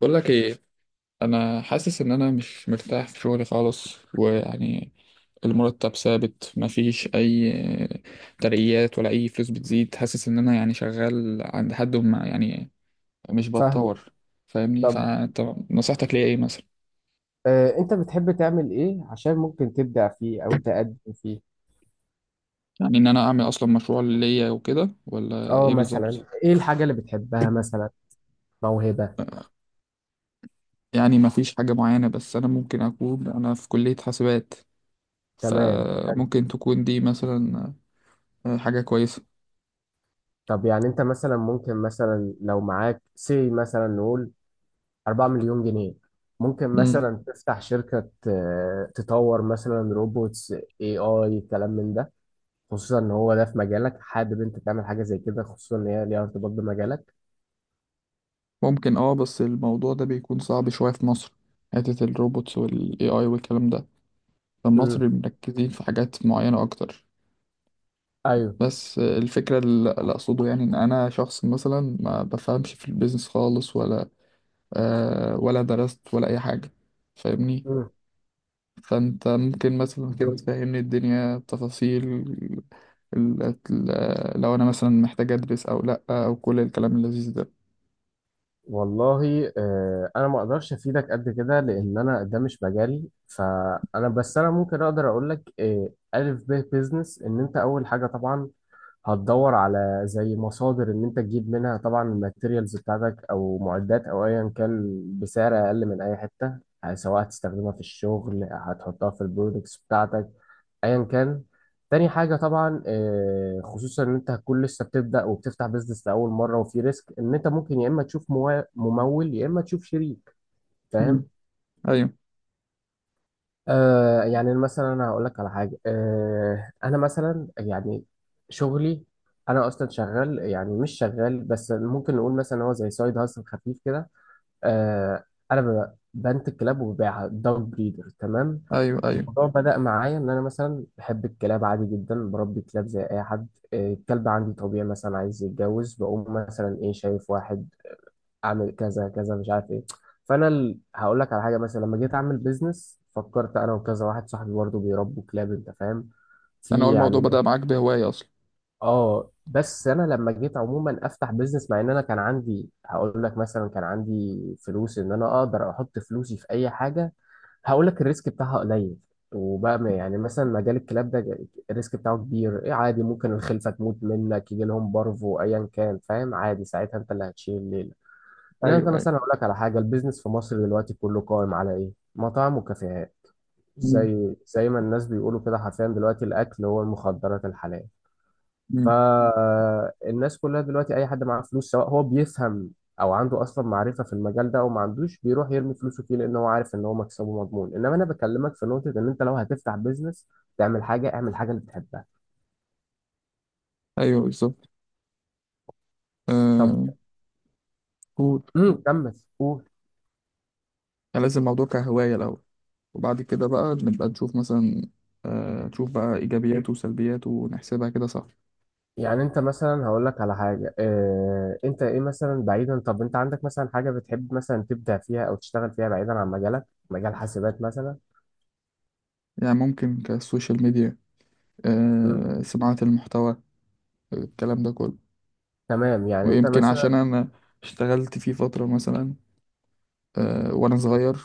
بقول لك ايه. انا حاسس ان انا مش مرتاح في شغلي خالص ويعني المرتب ثابت، مفيش اي ترقيات ولا اي فلوس بتزيد. حاسس ان انا يعني شغال عند حد وما يعني مش فاهمه. بتطور. فاهمني؟ طب فانت نصيحتك ليا ايه مثلا؟ انت بتحب تعمل ايه عشان ممكن تبدع فيه او تقدم فيه؟ يعني ان انا اعمل اصلا مشروع ليا وكده ولا اه ايه بالظبط؟ مثلا ايه الحاجة اللي بتحبها مثلا؟ موهبة. يعني مفيش حاجة معينة، بس انا ممكن اكون انا في كلية حاسبات، تمام، حلو. فممكن تكون دي مثلا حاجة كويسة. طب يعني انت مثلا ممكن، مثلا لو معاك سي مثلا، نقول 4 مليون جنيه، ممكن مثلا تفتح شركة، تطور مثلا روبوتس، اي كلام من ده، خصوصا ان هو ده في مجالك، حابب انت تعمل حاجة زي كده، خصوصا ان هي ليها ارتباط بمجالك. ممكن اه، بس الموضوع ده بيكون صعب شوية في مصر، حتة الروبوتس والاي اي والكلام ده. فالمصري امم. مركزين في حاجات معينة اكتر. ايوه. بس الفكرة اللي اقصده يعني ان انا شخص مثلا ما بفهمش في البيزنس خالص، ولا آه ولا درست ولا اي حاجة. فاهمني؟ مم. فانت ممكن مثلا كده تفهمني الدنيا بتفاصيل لو انا مثلا محتاج ادرس او لا، او كل الكلام اللذيذ ده. والله انا ما اقدرش افيدك قد كده لان انا ده مش مجالي، فانا بس انا ممكن اقدر اقول لك الف ب بيزنس. ان انت اول حاجه طبعا هتدور على زي مصادر ان انت تجيب منها طبعا الماتيريالز بتاعتك او معدات او ايا كان بسعر اقل من اي حته، سواء هتستخدمها في الشغل هتحطها في البرودكتس بتاعتك، ايا كان. تاني حاجه طبعا، خصوصا ان انت هتكون لسه بتبدا وبتفتح بيزنس لاول مره، وفي ريسك، ان انت ممكن يا اما تشوف ممول، يا اما تشوف شريك، مم. فاهم؟ ايوه يعني مثلا انا هقول لك على حاجه، انا مثلا يعني شغلي، انا اصلا شغال، يعني مش شغال بس ممكن نقول مثلا هو زي سايد هاسل خفيف كده. آه، انا بنت كلاب وببيعها، دوج بريدر، تمام. ايوه. ايوه الموضوع بدأ معايا ان انا مثلا بحب الكلاب عادي جدا، بربي كلاب زي اي حد، الكلب عندي طبيعي مثلا عايز يتجوز، بقوم مثلا ايه، شايف واحد اعمل كذا كذا مش عارف ايه. فانا هقول لك على حاجه، مثلا لما جيت اعمل بيزنس فكرت انا وكذا واحد صاحبي برضه بيربوا كلاب، انت فاهم، انا اول في الموضوع عندنا. بدأ معاك بهواية اصلا. اه بس انا لما جيت عموما افتح بيزنس، مع ان انا كان عندي، هقول لك مثلا، كان عندي فلوس ان انا اقدر احط فلوسي في اي حاجه هقول لك الريسك بتاعها قليل، وبقى يعني مثلا مجال الكلاب ده الريسك بتاعه كبير. إيه عادي، ممكن الخلفه تموت منك، يجي لهم بارفو، ايا كان، فاهم؟ عادي، ساعتها انت اللي هتشيل الليله. ان انت ايوه ايوه. مثلا، اقول لك على حاجه، البيزنس في مصر دلوقتي كله قائم على ايه؟ مطاعم وكافيهات. مم. زي ما الناس بيقولوا كده حرفيا، دلوقتي الاكل هو المخدرات الحلال. مم. فالناس كلها دلوقتي، اي حد معاه فلوس، سواء هو بيفهم او عنده اصلا معرفه في المجال ده او ما عندوش، بيروح يرمي فلوسه فيه لان هو عارف ان هو مكسبه مضمون. انما انا بكلمك في نقطه، ان انت لو هتفتح بيزنس تعمل حاجه، اعمل حاجه اللي بتحبها. ايوه بالظبط. طب. آه قول. كمل قول. يعني لازم الموضوع كهوايه الاول، وبعد كده بقى نبقى نشوف مثلا، آه نشوف بقى ايجابياته وسلبياته ونحسبها كده صح. يعني انت مثلا، هقول لك على حاجه، انت ايه مثلا، بعيدا، طب انت عندك مثلا حاجه بتحب مثلا تبدع فيها او تشتغل فيها بعيدا عن مجالك، مجال حاسبات مثلا؟ يعني ممكن كالسوشيال ميديا، امم. آه صناعه المحتوى الكلام ده كله. تمام. يعني انت ويمكن عشان مثلا، انا اشتغلت فيه فتره مثلا، آه وانا صغير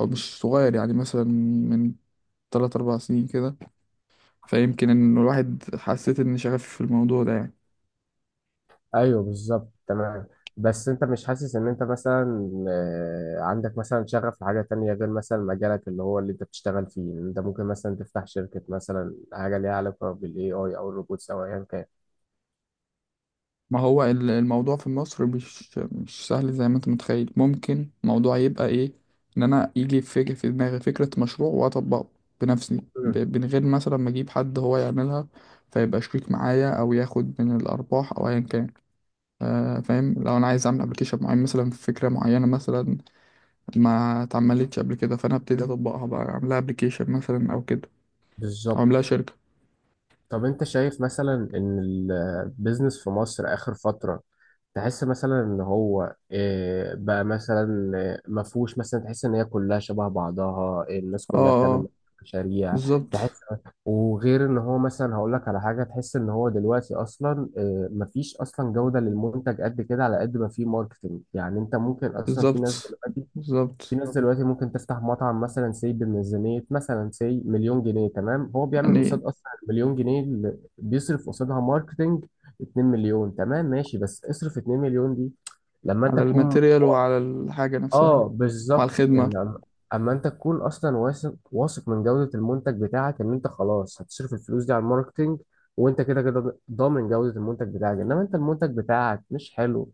او مش صغير، يعني مثلا من 3 4 سنين كده، فيمكن ان الواحد حسيت ان شغفي في الموضوع ده يعني. ايوه بالظبط، تمام. بس انت مش حاسس ان انت مثلا، عندك مثلا شغف لحاجة تانية غير مثلا مجالك اللي هو اللي انت بتشتغل فيه، إن انت ممكن مثلا تفتح شركة مثلا حاجة ليها علاقة بالاي اي او الروبوتس او ايا كان؟ ما هو الموضوع في مصر مش سهل زي ما انت متخيل. ممكن موضوع يبقى ايه، ان انا يجي في دماغي فكرة مشروع واطبقه بنفسي مم. من غير مثلا ما اجيب حد هو يعملها فيبقى شريك معايا او ياخد من الارباح او ايا كان. آه، فاهم. لو انا عايز اعمل ابلكيشن معين مثلا في فكرة معينة مثلا ما اتعملتش قبل كده، فانا ابتدي اطبقها بقى اعملها ابلكيشن مثلا او كده، او بالظبط. اعملها شركة. طب انت شايف مثلا ان البيزنس في مصر اخر فترة، تحس مثلا ان هو، بقى مثلا، مفهوش، مثلا تحس ان هي كلها شبه بعضها، الناس اه. كلها بتعمل اه نفس المشاريع، بالظبط. تحس؟ وغير ان هو مثلا، هقول لك على حاجة، تحس ان هو دلوقتي اصلا، مفيش اصلا جودة للمنتج قد كده على قد ما فيه ماركتنج. يعني انت ممكن اصلا، في ناس بالظبط دلوقتي، في بالظبط. ناس دلوقتي ممكن تفتح مطعم مثلا سي بميزانية مثلا سي مليون جنيه، تمام، هو بيعمل قصاد يعني أصلا مليون جنيه اللي بيصرف قصادها ماركتينج 2 مليون. تمام، ماشي، بس اصرف 2 مليون دي لما أنت على تكون، الماتيريال وعلى الحاجة نفسها آه وعلى بالظبط، الخدمة. إن أما أنت تكون أصلا واثق واثق من جودة المنتج بتاعك، إن أنت خلاص هتصرف الفلوس دي على الماركتينج وأنت كده كده ضامن جودة المنتج بتاعك. إنما أنت المنتج بتاعك مش حلو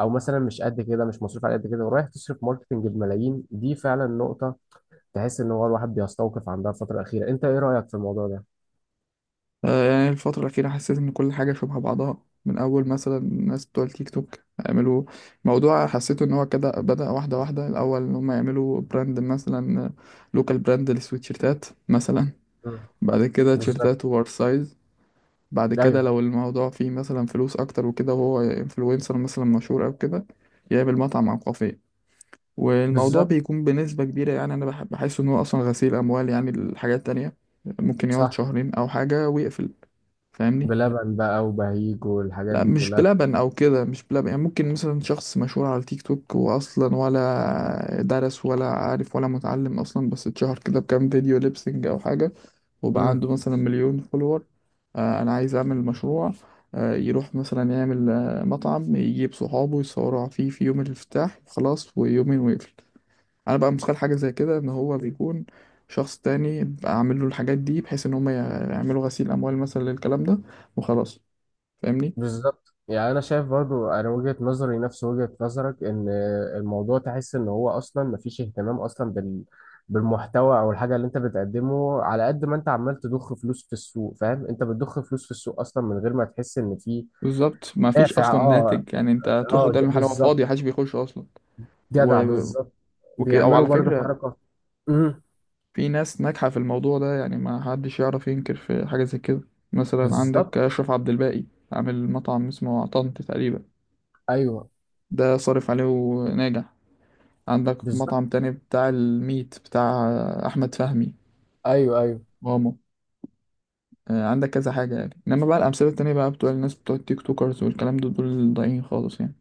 او مثلا مش قد كده، مش مصروف على قد كده، ورايح تصرف ماركتنج بملايين، دي فعلا نقطة تحس ان هو الواحد بيستوقف عندها الفترة الأخيرة. انت ايه رأيك في الموضوع ده؟ آه، يعني الفترة الأخيرة حسيت إن كل حاجة شبه بعضها، من أول مثلا الناس بتوع التيك توك يعملوا موضوع حسيته إن هو كده بدأ واحدة واحدة. الأول إن هم يعملوا براند مثلا، لوكال براند للسويتشيرتات مثلا، مم. بعد كده بالظبط. تيشيرتات اوفر سايز، بعد كده ايوه لو الموضوع فيه مثلا فلوس أكتر وكده وهو انفلونسر مثلا مشهور أو كده يعمل مطعم أو كافيه. والموضوع بالظبط. بيكون بنسبة كبيرة يعني أنا بحس إن هو أصلا غسيل أموال. يعني الحاجات التانية ممكن يقعد صح. شهرين أو حاجة ويقفل. فاهمني؟ بلبن بقى وبهيج والحاجات لا دي مش كلها. بلبن أو كده، مش بلبن. يعني ممكن مثلا شخص مشهور على التيك توك وأصلا ولا درس ولا عارف ولا متعلم أصلا، بس اتشهر كده بكام فيديو ليبسينج أو حاجة، وبقى امم. عنده مثلا مليون فولور. آه أنا عايز أعمل مشروع، آه يروح مثلا يعمل آه مطعم يجيب صحابه يصوروا فيه في يوم الافتتاح وخلاص، ويومين ويقفل. انا بقى متخيل حاجه زي كده، ان هو بيكون شخص تاني بقى عامل له الحاجات دي بحيث ان هم يعملوا غسيل اموال مثلا للكلام ده وخلاص. فاهمني؟ بالظبط. يعني انا شايف برضو، انا وجهة نظري نفس وجهة نظرك، ان الموضوع تحس ان هو اصلا مفيش اهتمام اصلا بالمحتوى او الحاجه اللي انت بتقدمه، على قد ما انت عمال تضخ فلوس في السوق، فاهم؟ انت بتضخ فلوس في السوق اصلا من غير ما تحس ان في بالظبط ما فيش دافع. اصلا اه ناتج. يعني انت تروح اه، قدام المحل هو بالظبط. فاضي محدش بيخش اصلا. و... جدع، بالظبط. وكده او بيعملوا على برضو فكره حركة. امم، في ناس ناجحه في الموضوع ده، يعني ما حدش يعرف ينكر في حاجه زي كده. مثلا عندك بالظبط. اشرف عبد الباقي عامل مطعم اسمه طنط تقريبا، ايوه ده صارف عليه وناجح. عندك بالظبط. مطعم تاني بتاع الميت بتاع احمد فهمي، ايوه ايوه. ماما. آه، عندك كذا حاجة يعني. إنما بقى الأمثلة التانية بقى بتوع الناس بتوع التيك توكرز والكلام ده دول ضايعين خالص يعني.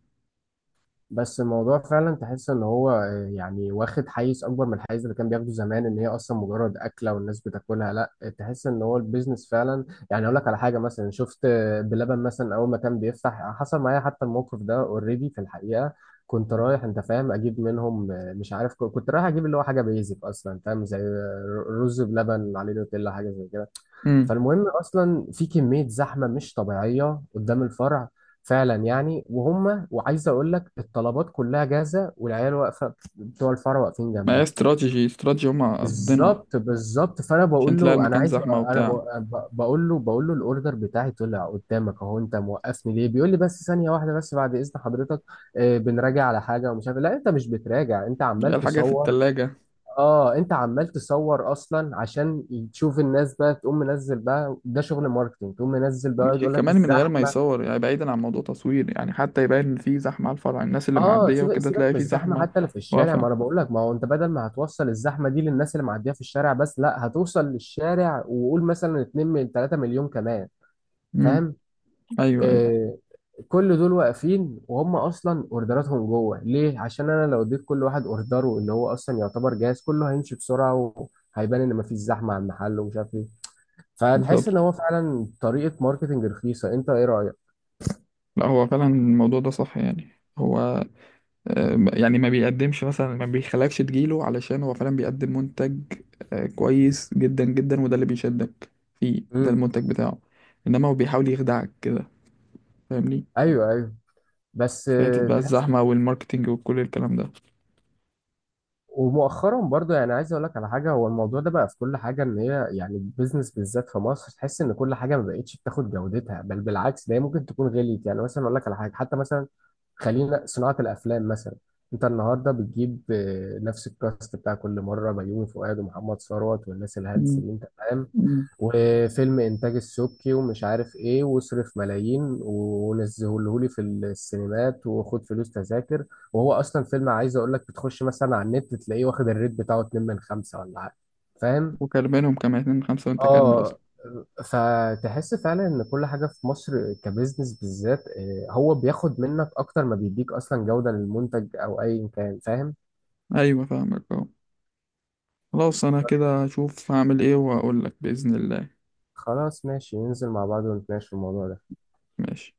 بس الموضوع فعلا تحس ان هو، يعني واخد حيز اكبر من الحيز اللي كان بياخده زمان، ان هي اصلا مجرد اكله والناس بتاكلها، لا، تحس ان هو البيزنس فعلا. يعني اقول لك على حاجه، مثلا شفت بلبن مثلا اول ما كان بيفتح، حصل معايا حتى الموقف ده اوريدي في الحقيقه. كنت رايح، انت فاهم، اجيب منهم، مش عارف، كنت رايح اجيب اللي هو حاجه بيزك اصلا، فاهم، زي رز بلبن عليه نوتيلا حاجه زي كده. امم. فالمهم اصلا في كميه زحمه مش طبيعيه قدام الفرع فعلا يعني، وهم، وعايز اقول لك الطلبات كلها جاهزه والعيال واقفه بتوع الفرع واقفين ما هي جنبها. استراتيجي استراتيجي هما قاصدينها، بالظبط، بالظبط. فانا عشان بقول تلاقي له انا المكان عايز، زحمة انا وبتاع. بقول له الاوردر بتاعي طلع قدامك اهو، انت موقفني ليه؟ بيقول لي بس ثانيه واحده، بس بعد اذن حضرتك، بنراجع على حاجه ومش عارف إيه. لا انت مش بتراجع، انت هي عمال الحاجة في تصور. التلاجة. اه انت عمال تصور اصلا عشان تشوف الناس بقى تقوم منزل، بقى ده شغل ماركتينج، تقوم منزل بقى ومش يقول لك كمان من غير ما الزحمه. يصور، يعني بعيدا عن موضوع تصوير، يعني حتى يبان إن في زحمة على الفرع، الناس اللي اه، معدية سيبك وكده سيبك تلاقي من في الزحمه، زحمة حتى لو في الشارع، واقفة. ما انا بقول لك، ما هو انت بدل ما هتوصل الزحمه دي للناس اللي معديه في الشارع بس، لا هتوصل للشارع وقول مثلا 2 من 3 مليون كمان، امم. فاهم؟ أيوه أيوه. آه، كل دول واقفين وهم اصلا اوردراتهم جوه، ليه؟ عشان انا لو اديت كل واحد اوردره اللي هو اصلا يعتبر جاهز، كله هيمشي بسرعه وهيبان ان مفيش زحمه على المحل ومش عارف إيه. فتحس ان بالظبط. هو فعلا طريقه ماركتنج رخيصه. انت ايه رايك؟ لا هو فعلا الموضوع ده صح يعني. هو آه، يعني ما بيقدمش مثلا ما بيخلكش تجيله علشان هو فعلا بيقدم منتج، آه، كويس جدا جدا وده اللي بيشدك فيه، ده امم. المنتج بتاعه. انما هو بيحاول يخدعك كده. فاهمني؟ ايوه ايوه. بس فاتت بقى تحس. الزحمة والماركتينج وكل الكلام ده. ومؤخرا برضو، يعني عايز اقول لك على حاجه، هو الموضوع ده بقى في كل حاجه، ان هي يعني البيزنس بالذات في مصر، تحس ان كل حاجه ما بقتش بتاخد جودتها، بل بالعكس ده هي ممكن تكون غليت. يعني مثلا اقول لك على حاجه، حتى مثلا خلينا صناعة الأفلام مثلا، أنت النهاردة بتجيب نفس الكاست بتاع كل مرة، بيومي فؤاد ومحمد ثروت والناس الهلس مم. دي، أنت فاهم، مم. وفيلم إنتاج السبكي ومش عارف إيه، واصرف ملايين ونزهولهولي في السينمات وخد فلوس تذاكر، وهو أصلا فيلم عايز أقول لك، بتخش مثلا على النت تلاقيه واخد الريت بتاعه 2 من 5 ولا حاجة، فاهم؟ وكلمانهم كمان 2 من 5 وانت كلمة اصلا. اه. فتحس فعلا ان كل حاجه في مصر كبزنس بالذات، هو بياخد منك اكتر ما بيديك اصلا جوده للمنتج او ايا كان، فاهم؟ ايوه فاهمك اه. خلاص انا كده هشوف هعمل ايه واقول لك بإذن الله. خلاص ماشي، ننزل مع بعض ونتناقش في الموضوع ده. ماشي.